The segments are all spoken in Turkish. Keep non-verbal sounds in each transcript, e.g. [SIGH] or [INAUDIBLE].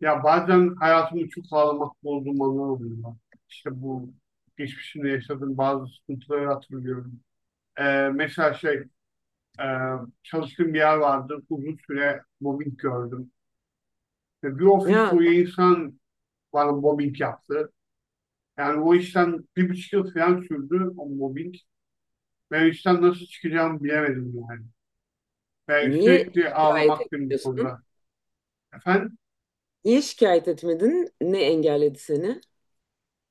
Ya bazen hayatımı çok ağlamak bozduğum anlar oluyor. Lan. İşte bu geçmişimde yaşadığım bazı sıkıntıları hatırlıyorum. Mesela e, çalıştığım bir yer vardı. Uzun süre mobbing gördüm. Ve bir ofis Ya boyu insan bana mobbing yaptı. Yani o işten bir buçuk yıl falan sürdü o mobbing. Ben o işten nasıl çıkacağımı bilemedim yani. Ve niye sürekli şikayet ağlamaktım bu etmiyorsun? konuda. Efendim? Niye şikayet etmedin? Ne engelledi seni?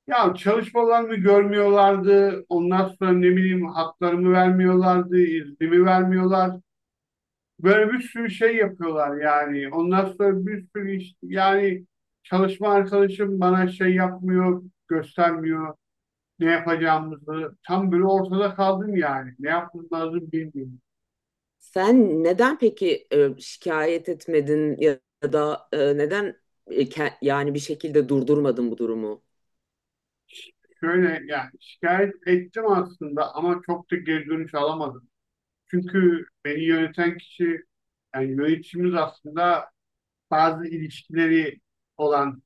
Ya çalışmalarımı görmüyorlardı. Ondan sonra ne bileyim haklarımı vermiyorlardı, iznimi vermiyorlar. Böyle bir sürü şey yapıyorlar yani. Ondan sonra bir sürü iş yani çalışma arkadaşım bana şey yapmıyor, göstermiyor ne yapacağımızı. Tam böyle ortada kaldım yani. Ne yapmam lazım bilmiyorum. Sen neden peki şikayet etmedin ya da neden yani bir şekilde durdurmadın bu durumu? Şöyle yani şikayet ettim aslında ama çok da geri dönüş alamadım. Çünkü beni yöneten kişi yani yöneticimiz aslında bazı ilişkileri olan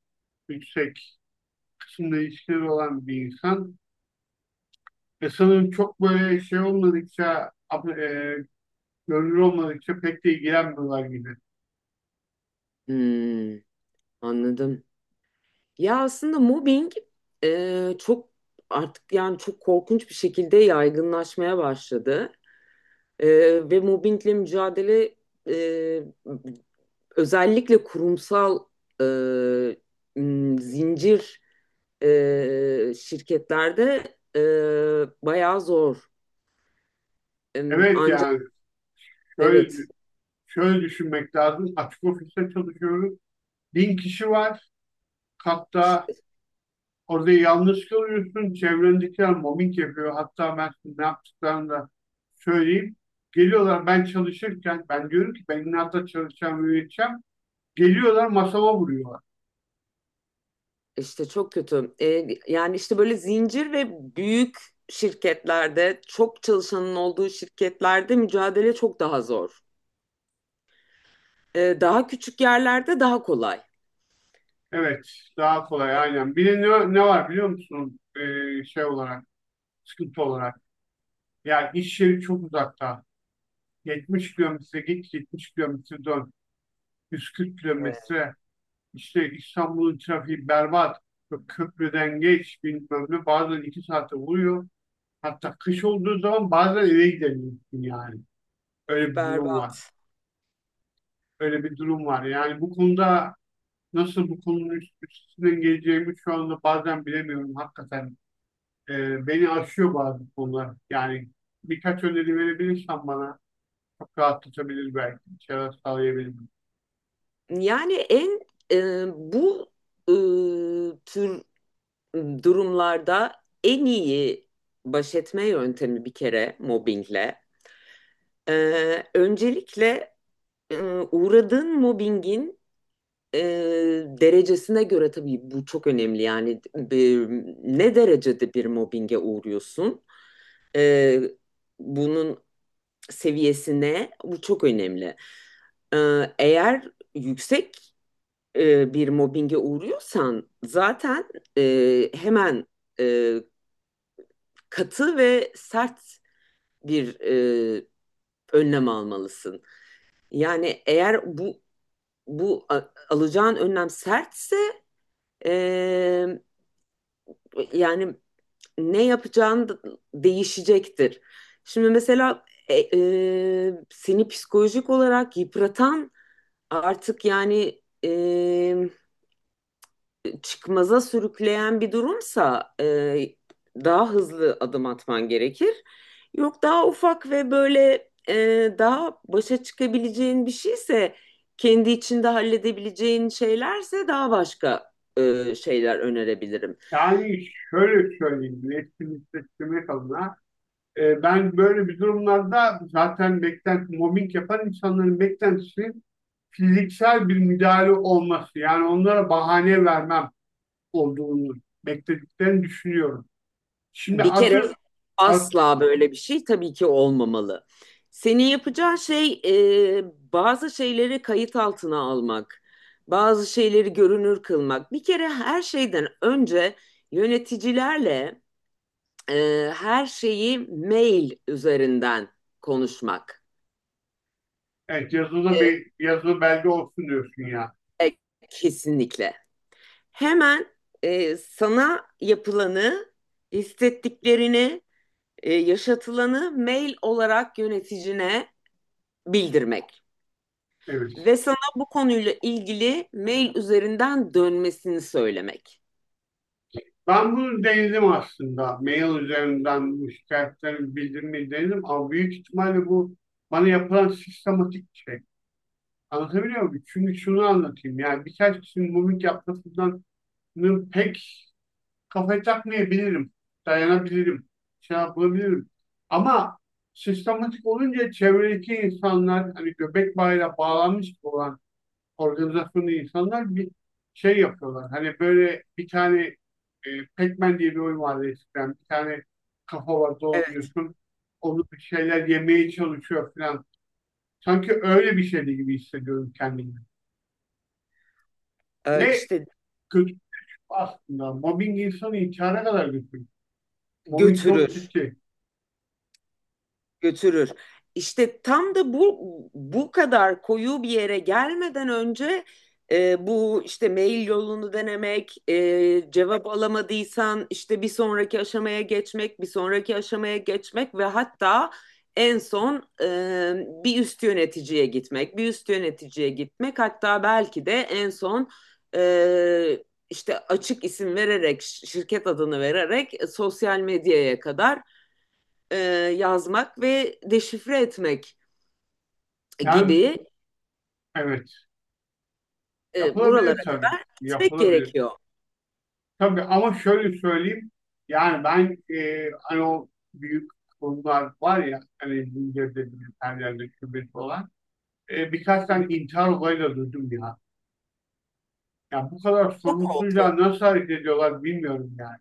yüksek kısımda ilişkileri olan bir insan. Ve sanırım çok böyle şey olmadıkça görünür olmadıkça pek de ilgilenmiyorlar gibi. Hmm, anladım. Ya aslında mobbing çok artık yani çok korkunç bir şekilde yaygınlaşmaya başladı. E, Ve mobbingle mücadele e, özellikle kurumsal e, zincir şirketlerde bayağı zor. Evet Ancak yani şöyle, evet, şöyle düşünmek lazım. Açık ofiste çalışıyoruz. Bin kişi var. Hatta orada yalnız kalıyorsun. Çevrendekiler mobbing yapıyor. Hatta ben size ne yaptıklarını da söyleyeyim. Geliyorlar ben çalışırken ben diyorum ki ben inatla çalışacağım, üreteceğim. Geliyorlar masama vuruyorlar. işte çok kötü. Yani işte böyle zincir ve büyük şirketlerde, çok çalışanın olduğu şirketlerde mücadele çok daha zor. Daha küçük yerlerde daha kolay. Evet, daha kolay aynen. Bir de ne var biliyor musun? Şey olarak, sıkıntı olarak. Yani iş yeri çok uzakta. 70 kilometre git, 70 kilometre dön. 140 Evet. kilometre. İşte İstanbul'un trafiği berbat. Böyle Köprüden geç, bilmem ne. Bazen iki saate vuruyor. Hatta kış olduğu zaman bazen eve gidemiyorsun yani. Öyle bir durum var. Berbat. Öyle bir durum var. Yani bu konuda nasıl bu konunun üstesinden geleceğimi şu anda bazen bilemiyorum hakikaten. Beni aşıyor bazı konular. Yani birkaç öneri verebilirsen bana çok rahatlatabilir belki. Bir şeyler sağlayabilirim. Yani en bu tür durumlarda en iyi baş etme yöntemi bir kere mobbingle. Öncelikle e, uğradığın mobbingin e, derecesine göre tabii bu çok önemli. Yani e, ne derecede bir mobbinge uğruyorsun? Ee, Bunun seviyesine, bu çok önemli. Eğer yüksek bir mobbinge uğruyorsan zaten hemen e, katı ve sert bir e, önlem almalısın. Yani eğer bu alacağın önlem sertse e, yani ne yapacağın değişecektir. Şimdi mesela seni psikolojik olarak yıpratan, artık yani çıkmaza sürükleyen bir durumsa daha hızlı adım atman gerekir. Yok daha ufak ve böyle daha başa çıkabileceğin bir şeyse, kendi içinde halledebileceğin şeylerse daha başka şeyler önerebilirim. Yani şöyle söyleyeyim, iletişim hissettirmek adına. Ben böyle bir durumlarda zaten mobbing yapan insanların beklentisi fiziksel bir müdahale olması. Yani onlara bahane vermem olduğunu beklediklerini düşünüyorum. Şimdi Bir kere asıl as, asla böyle bir şey tabii ki olmamalı. Senin yapacağın şey bazı şeyleri kayıt altına almak, bazı şeyleri görünür kılmak. Bir kere her şeyden önce yöneticilerle her şeyi mail üzerinden konuşmak. evet yazılı bir yazılı belge olsun diyorsun ya. E, e, Kesinlikle. Hemen sana yapılanı, hissettiklerini, yaşatılanı mail olarak yöneticine bildirmek Evet. ve sana bu konuyla ilgili mail üzerinden dönmesini söylemek. Ben bunu denedim aslında. Mail üzerinden bu şikayetlerimi bildirmeyi denedim ama büyük ihtimalle bu bana yapılan sistematik bir şey. Anlatabiliyor muyum? Çünkü şunu anlatayım. Yani birkaç kişinin mimik yapmasından pek kafayı takmayabilirim. Dayanabilirim. Şey yapabilirim. Ama sistematik olunca çevredeki insanlar hani göbek bağıyla bağlanmış olan organizasyonda insanlar bir şey yapıyorlar. Hani böyle bir tane Pac-Man diye bir oyun vardı eskiden. Bir tane kafa var Evet, dolanıyorsun. Onu bir şeyler yemeye çalışıyor falan. Sanki öyle bir şeydi gibi hissediyorum kendimi. Ne işte kötü aslında. Mobbing insanı intihara kadar götürür. Mobbing çok götürür. ciddi. Götürür. İşte tam da bu kadar koyu bir yere gelmeden önce bu işte mail yolunu denemek, cevap alamadıysan işte bir sonraki aşamaya geçmek, bir sonraki aşamaya geçmek ve hatta en son e, bir üst yöneticiye gitmek, bir üst yöneticiye gitmek, hatta belki de en son e, işte açık isim vererek, şirket adını vererek sosyal medyaya kadar e, yazmak ve deşifre etmek Yani gibi evet. Yapılabilir buralara tabii. kadar gitmek Yapılabilir. gerekiyor. Tabii ama şöyle söyleyeyim. Yani ben hani o büyük kurumlar var ya hani zincirde bilgisayarlarda şubesi olan birkaç Hı hı. tane intihar olayı da duydum ya. Ya bu kadar Çok oldu. sorumsuzca nasıl hareket ediyorlar bilmiyorum yani.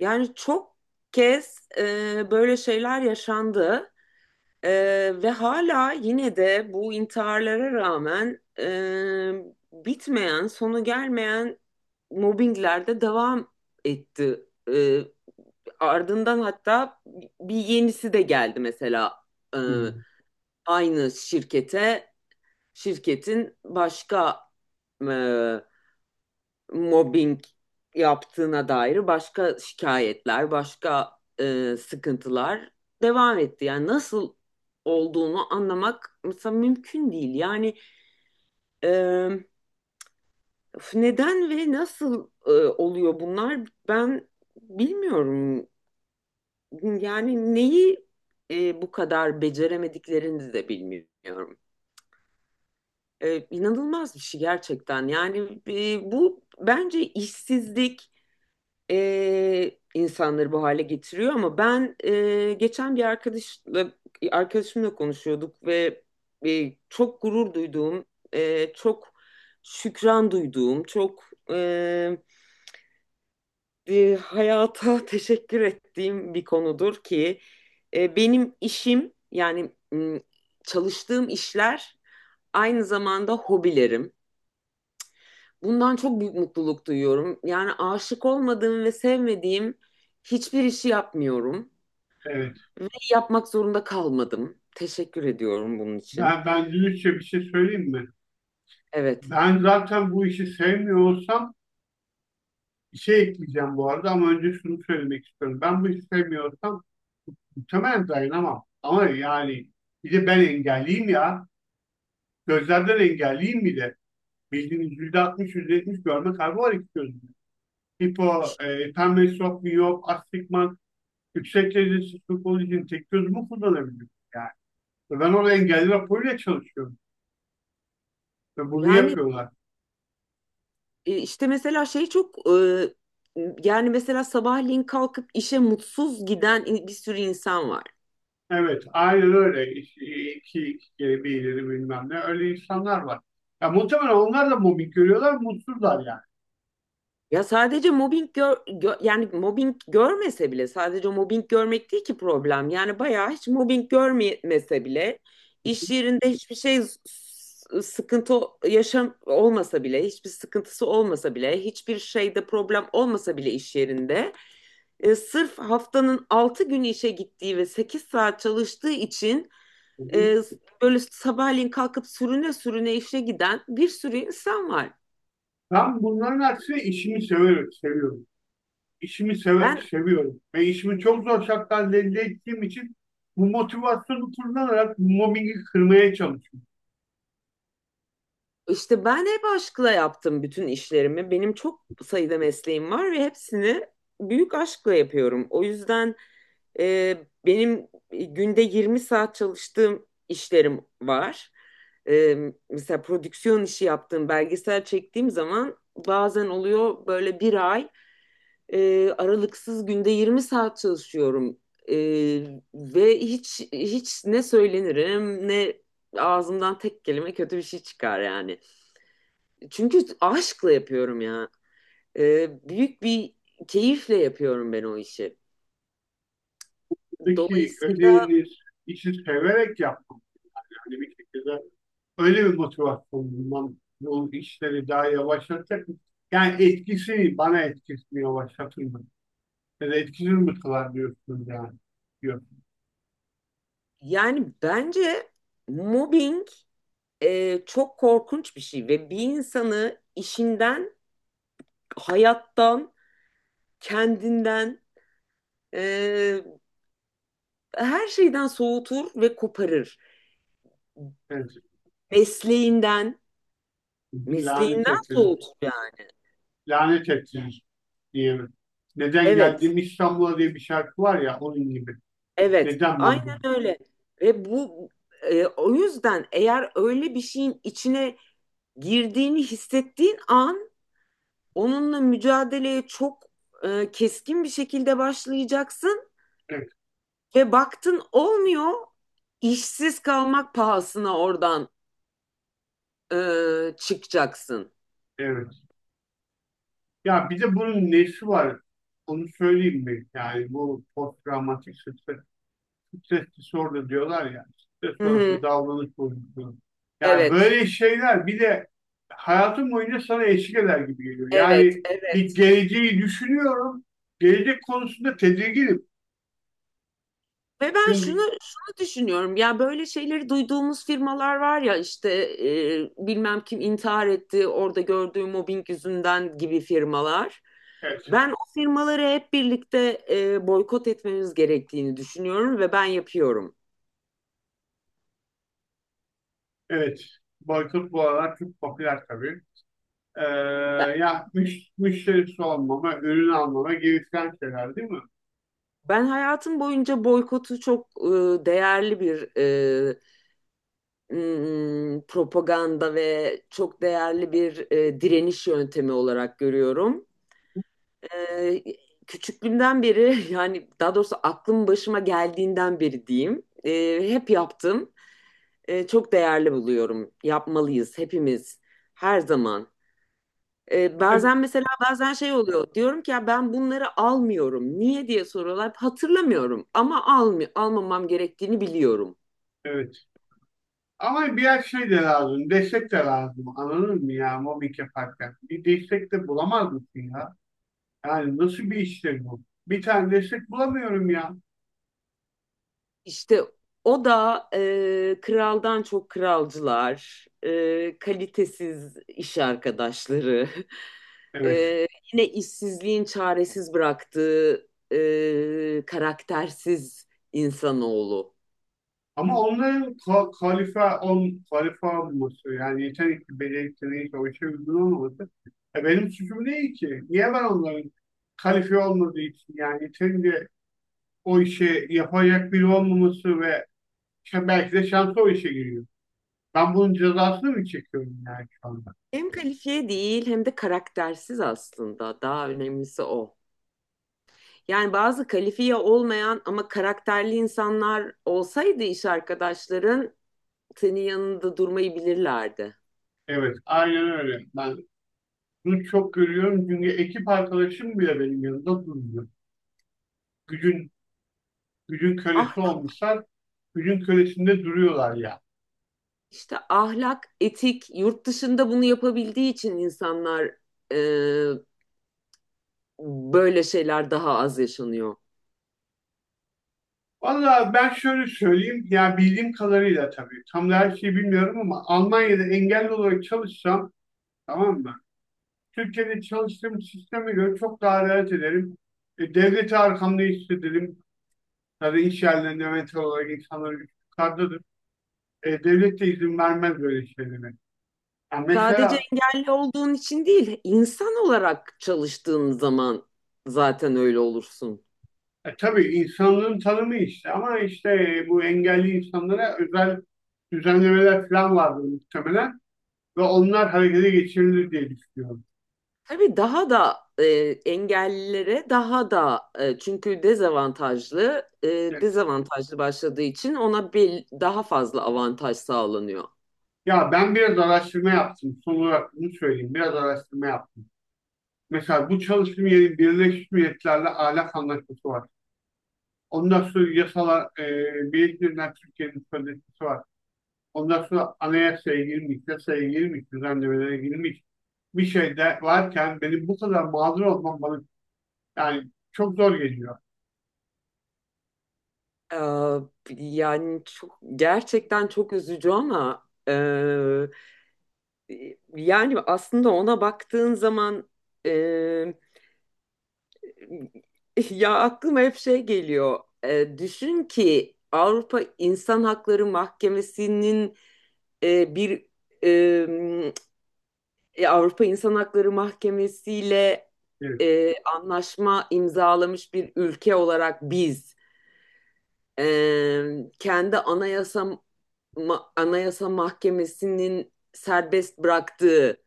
Yani çok kez böyle şeyler yaşandı. E, Ve hala, yine de bu intiharlara rağmen bitmeyen, sonu gelmeyen mobbingler de devam etti. E, Ardından hatta bir yenisi de geldi mesela. e, Hı. Aynı şirkete, şirketin başka e, mobbing yaptığına dair başka şikayetler, başka sıkıntılar devam etti. Yani nasıl olduğunu anlamak mesela mümkün değil. Yani e, neden ve nasıl oluyor bunlar, ben bilmiyorum. Yani neyi bu kadar beceremediklerini de bilmiyorum. İnanılmaz bir şey gerçekten. Yani bu bence işsizlik insanları bu hale getiriyor. Ama ben geçen bir arkadaşla arkadaşımla konuşuyorduk ve çok gurur duyduğum, çok şükran duyduğum, çok hayata [LAUGHS] teşekkür ettiğim bir konudur ki benim işim, yani çalıştığım işler aynı zamanda hobilerim. Bundan çok büyük mutluluk duyuyorum. Yani aşık olmadığım ve sevmediğim hiçbir işi yapmıyorum Evet. ve yapmak zorunda kalmadım. Teşekkür ediyorum bunun için. Ben dürüstçe bir şey söyleyeyim mi? Evet. Ben zaten bu işi sevmiyor olsam bir şey ekleyeceğim bu arada ama önce şunu söylemek istiyorum. Ben bu işi sevmiyorsam muhtemelen dayanamam. Ama yani bir de ben engelliyim ya. Gözlerden engelliyim bir de. Bildiğiniz %60, %70 görme kaybı var iki gözümde. Pembe sok, miyop, astigmat, yüksek derecesi sırf olduğu için tek gözümü kullanabiliyorum yani. Ben orada engelli raporuyla çalışıyorum. Ve bunu Yani yapıyorlar. İşte mesela şey çok yani mesela sabahleyin kalkıp işe mutsuz giden bir sürü insan var. Evet, aynen öyle. İki kere bir ileri bilmem ne. Öyle insanlar var. Ya muhtemelen onlar da mobbing görüyorlar, mutsuzlar yani. Ya sadece mobbing yani mobbing görmese bile, sadece mobbing görmek değil ki problem. Yani bayağı hiç mobbing görmese bile iş yerinde hiçbir şey, sıkıntı, yaşam olmasa bile, hiçbir sıkıntısı olmasa bile, hiçbir şeyde problem olmasa bile iş yerinde sırf haftanın 6 gün işe gittiği ve 8 saat çalıştığı için e, böyle sabahleyin kalkıp sürüne sürüne işe giden bir sürü insan var. Ben bunların aksine işimi seviyorum, seviyorum. İşimi Ben seviyorum ve işimi çok zor şartlarda elde ettiğim için bu motivasyonu kullanarak mobbingi kırmaya çalışıyorum. İşte ben hep aşkla yaptım bütün işlerimi. Benim çok sayıda mesleğim var ve hepsini büyük aşkla yapıyorum. O yüzden e, benim günde 20 saat çalıştığım işlerim var. E, Mesela prodüksiyon işi yaptığım, belgesel çektiğim zaman bazen oluyor böyle bir ay aralıksız günde 20 saat çalışıyorum. E, Ve hiç ne söylenirim, ne ağzımdan tek kelime kötü bir şey çıkar yani. Çünkü aşkla yapıyorum ya. Büyük bir keyifle yapıyorum ben o işi. Buradaki Dolayısıyla ödeviniz işi severek yaptım. Yani bir şekilde öyle bir motivasyon bulmam bu işleri daha yavaşlatacak mı? Yani etkisi bana etkisini yavaşlatır mı? Ya da etkisiz mi kılar diyorsunuz yani. Yok. yani bence mobbing çok korkunç bir şey ve bir insanı işinden, hayattan, kendinden, e, her şeyden soğutur ve koparır. Evet. Mesleğinden, Lanet mesleğinden ettiniz. soğutur yani. Lanet ettiniz diyelim. Neden Evet, geldim İstanbul'a diye bir şarkı var ya onun gibi. evet, Neden ben aynen bunu? öyle. Ve bu o yüzden eğer öyle bir şeyin içine girdiğini hissettiğin an onunla mücadeleye çok keskin bir şekilde başlayacaksın Evet, ve baktın olmuyor, işsiz kalmak pahasına oradan çıkacaksın. evet. Ya bir de bunun nesi var? Onu söyleyeyim mi? Yani bu stres disorder diyorlar ya. Stres Hı hı. sonrası davranış bozukluğu. Yani Evet, böyle şeyler bir de hayatım boyunca sana eşlik eder gibi geliyor. evet, Yani bir evet. geleceği düşünüyorum. Gelecek konusunda tedirginim. Ve ben şunu Çünkü şunu düşünüyorum: ya böyle şeyleri duyduğumuz firmalar var ya, işte bilmem kim intihar etti orada gördüğü mobbing yüzünden gibi firmalar. evet, Ben o firmaları hep birlikte boykot etmemiz gerektiğini düşünüyorum ve ben yapıyorum. evet. Boykot bu aralar çok popüler tabii. Ee, Ben ya müşterisi olmama, ürün almama gereken şeyler değil mi? ben hayatım boyunca boykotu çok değerli bir propaganda ve çok değerli bir direniş yöntemi olarak görüyorum. Ee, Küçüklüğümden beri [LAUGHS] yani daha doğrusu aklım başıma geldiğinden beri diyeyim, hep yaptım. Çok değerli buluyorum. Yapmalıyız hepimiz her zaman. E Bazen mesela bazen şey oluyor. Diyorum ki ya ben bunları almıyorum. Niye diye soruyorlar. Hatırlamıyorum ama almamam gerektiğini biliyorum. Evet. Ama biraz şey de lazım. Destek de lazım. Anladın mı ya mobbing yaparken? Bir destek de bulamaz mısın ya? Yani nasıl bir iştir bu? Bir tane destek bulamıyorum ya. İşte o da kraldan çok kralcılar, kalitesiz iş arkadaşları, [LAUGHS] e, Evet. yine işsizliğin çaresiz bıraktığı karaktersiz insanoğlu. Ama onların kalife, kalife olması yani yetenekli, becerikli neyse o işe uygun olmaması. E benim suçum değil ki. Niye ben onların kalifiye olmadığı için yani yeterince o işe yapacak biri olmaması ve işte belki de şansı o işe giriyor. Ben bunun cezasını mı çekiyorum yani şu anda? Hem kalifiye değil, hem de karaktersiz aslında. Daha önemlisi o. Yani bazı kalifiye olmayan ama karakterli insanlar olsaydı iş arkadaşların, senin yanında durmayı bilirlerdi. Evet, aynen öyle. Ben bunu çok görüyorum çünkü ekip arkadaşım bile benim yanımda durmuyor. Gücün, gücün kölesi Ah, olmuşlar, gücün kölesinde duruyorlar ya. İşte ahlak, etik, yurt dışında bunu yapabildiği için insanlar, e, böyle şeyler daha az yaşanıyor. Valla ben şöyle söyleyeyim, ya bildiğim kadarıyla tabii, tam da her şeyi bilmiyorum ama Almanya'da engelli olarak çalışsam, tamam mı? Türkiye'de çalıştığım sisteme göre çok daha rahat ederim. Devleti arkamda hissederim. Tabii iş yerlerinde mental olarak insanları yukarıdadır. Devlet de izin vermez böyle şeylere. Ya Sadece mesela engelli olduğun için değil, insan olarak çalıştığın zaman zaten öyle olursun. Tabii insanlığın tanımı işte ama işte bu engelli insanlara özel düzenlemeler falan vardı muhtemelen ve onlar harekete geçirilir diye düşünüyorum. Tabii daha da engellilere daha da çünkü E, dezavantajlı başladığı için ona bir daha fazla avantaj sağlanıyor. Ya ben biraz araştırma yaptım. Son olarak bunu söyleyeyim. Biraz araştırma yaptım. Mesela bu çalıştığım yerin Birleşmiş Milletler'le ahlak anlaşması var. Ondan sonra yasalar, Birleşmiş Türkiye'nin sözleşmesi var. Ondan sonra anayasaya girmiş, yasaya girmiş, düzenlemelere girmiş bir şey de varken benim bu kadar mağdur olmam bana. Yani çok zor geliyor. Ee, Yani çok, gerçekten çok üzücü ama yani aslında ona baktığın zaman e, [LAUGHS] ya aklıma hep şey geliyor. Düşün ki Avrupa İnsan Hakları Mahkemesi'nin bir Avrupa İnsan Hakları Mahkemesi'yle Evet. Anlaşma imzalamış bir ülke olarak biz e, kendi anayasa mahkemesinin serbest bıraktığı,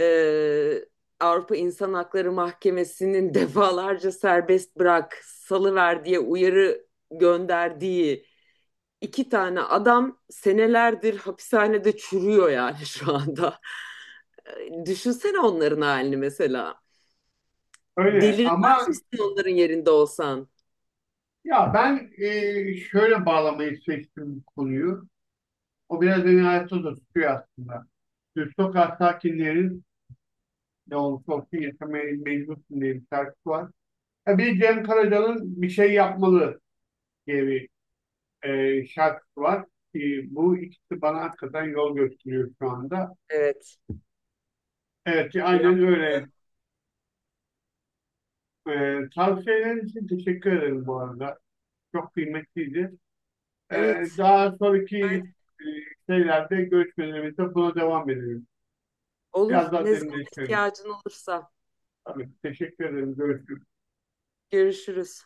e, Avrupa İnsan Hakları Mahkemesi'nin [LAUGHS] defalarca serbest bırak, salıver diye uyarı gönderdiği İki tane adam senelerdir hapishanede çürüyor yani şu anda. [LAUGHS] Düşünsene onların halini mesela. Öyle Delirmez ama misin onların yerinde olsan? ya ben şöyle bağlamayı seçtim konuyu. O biraz beni hayatta da tutuyor aslında. Düz sokak sakinlerin ne olursa olsun yaşamaya mecbursun diye bir şarkısı var. Ya bir Cem Karaca'nın bir şey yapmalı diye bir şarkısı var. E, bu ikisi bana hakikaten yol gösteriyor şu anda. Evet. Evet aynen Yapmalı. öyle. Tavsiyeleriniz için teşekkür ederim bu arada. Çok kıymetliydi. Evet. Daha Haydi. sonraki e, şeylerde görüşmelerimizde buna devam edelim. Biraz Olur. daha Ne zaman derinleştirelim. ihtiyacın olursa. Tabii, teşekkür ederim. Görüşürüz. Görüşürüz.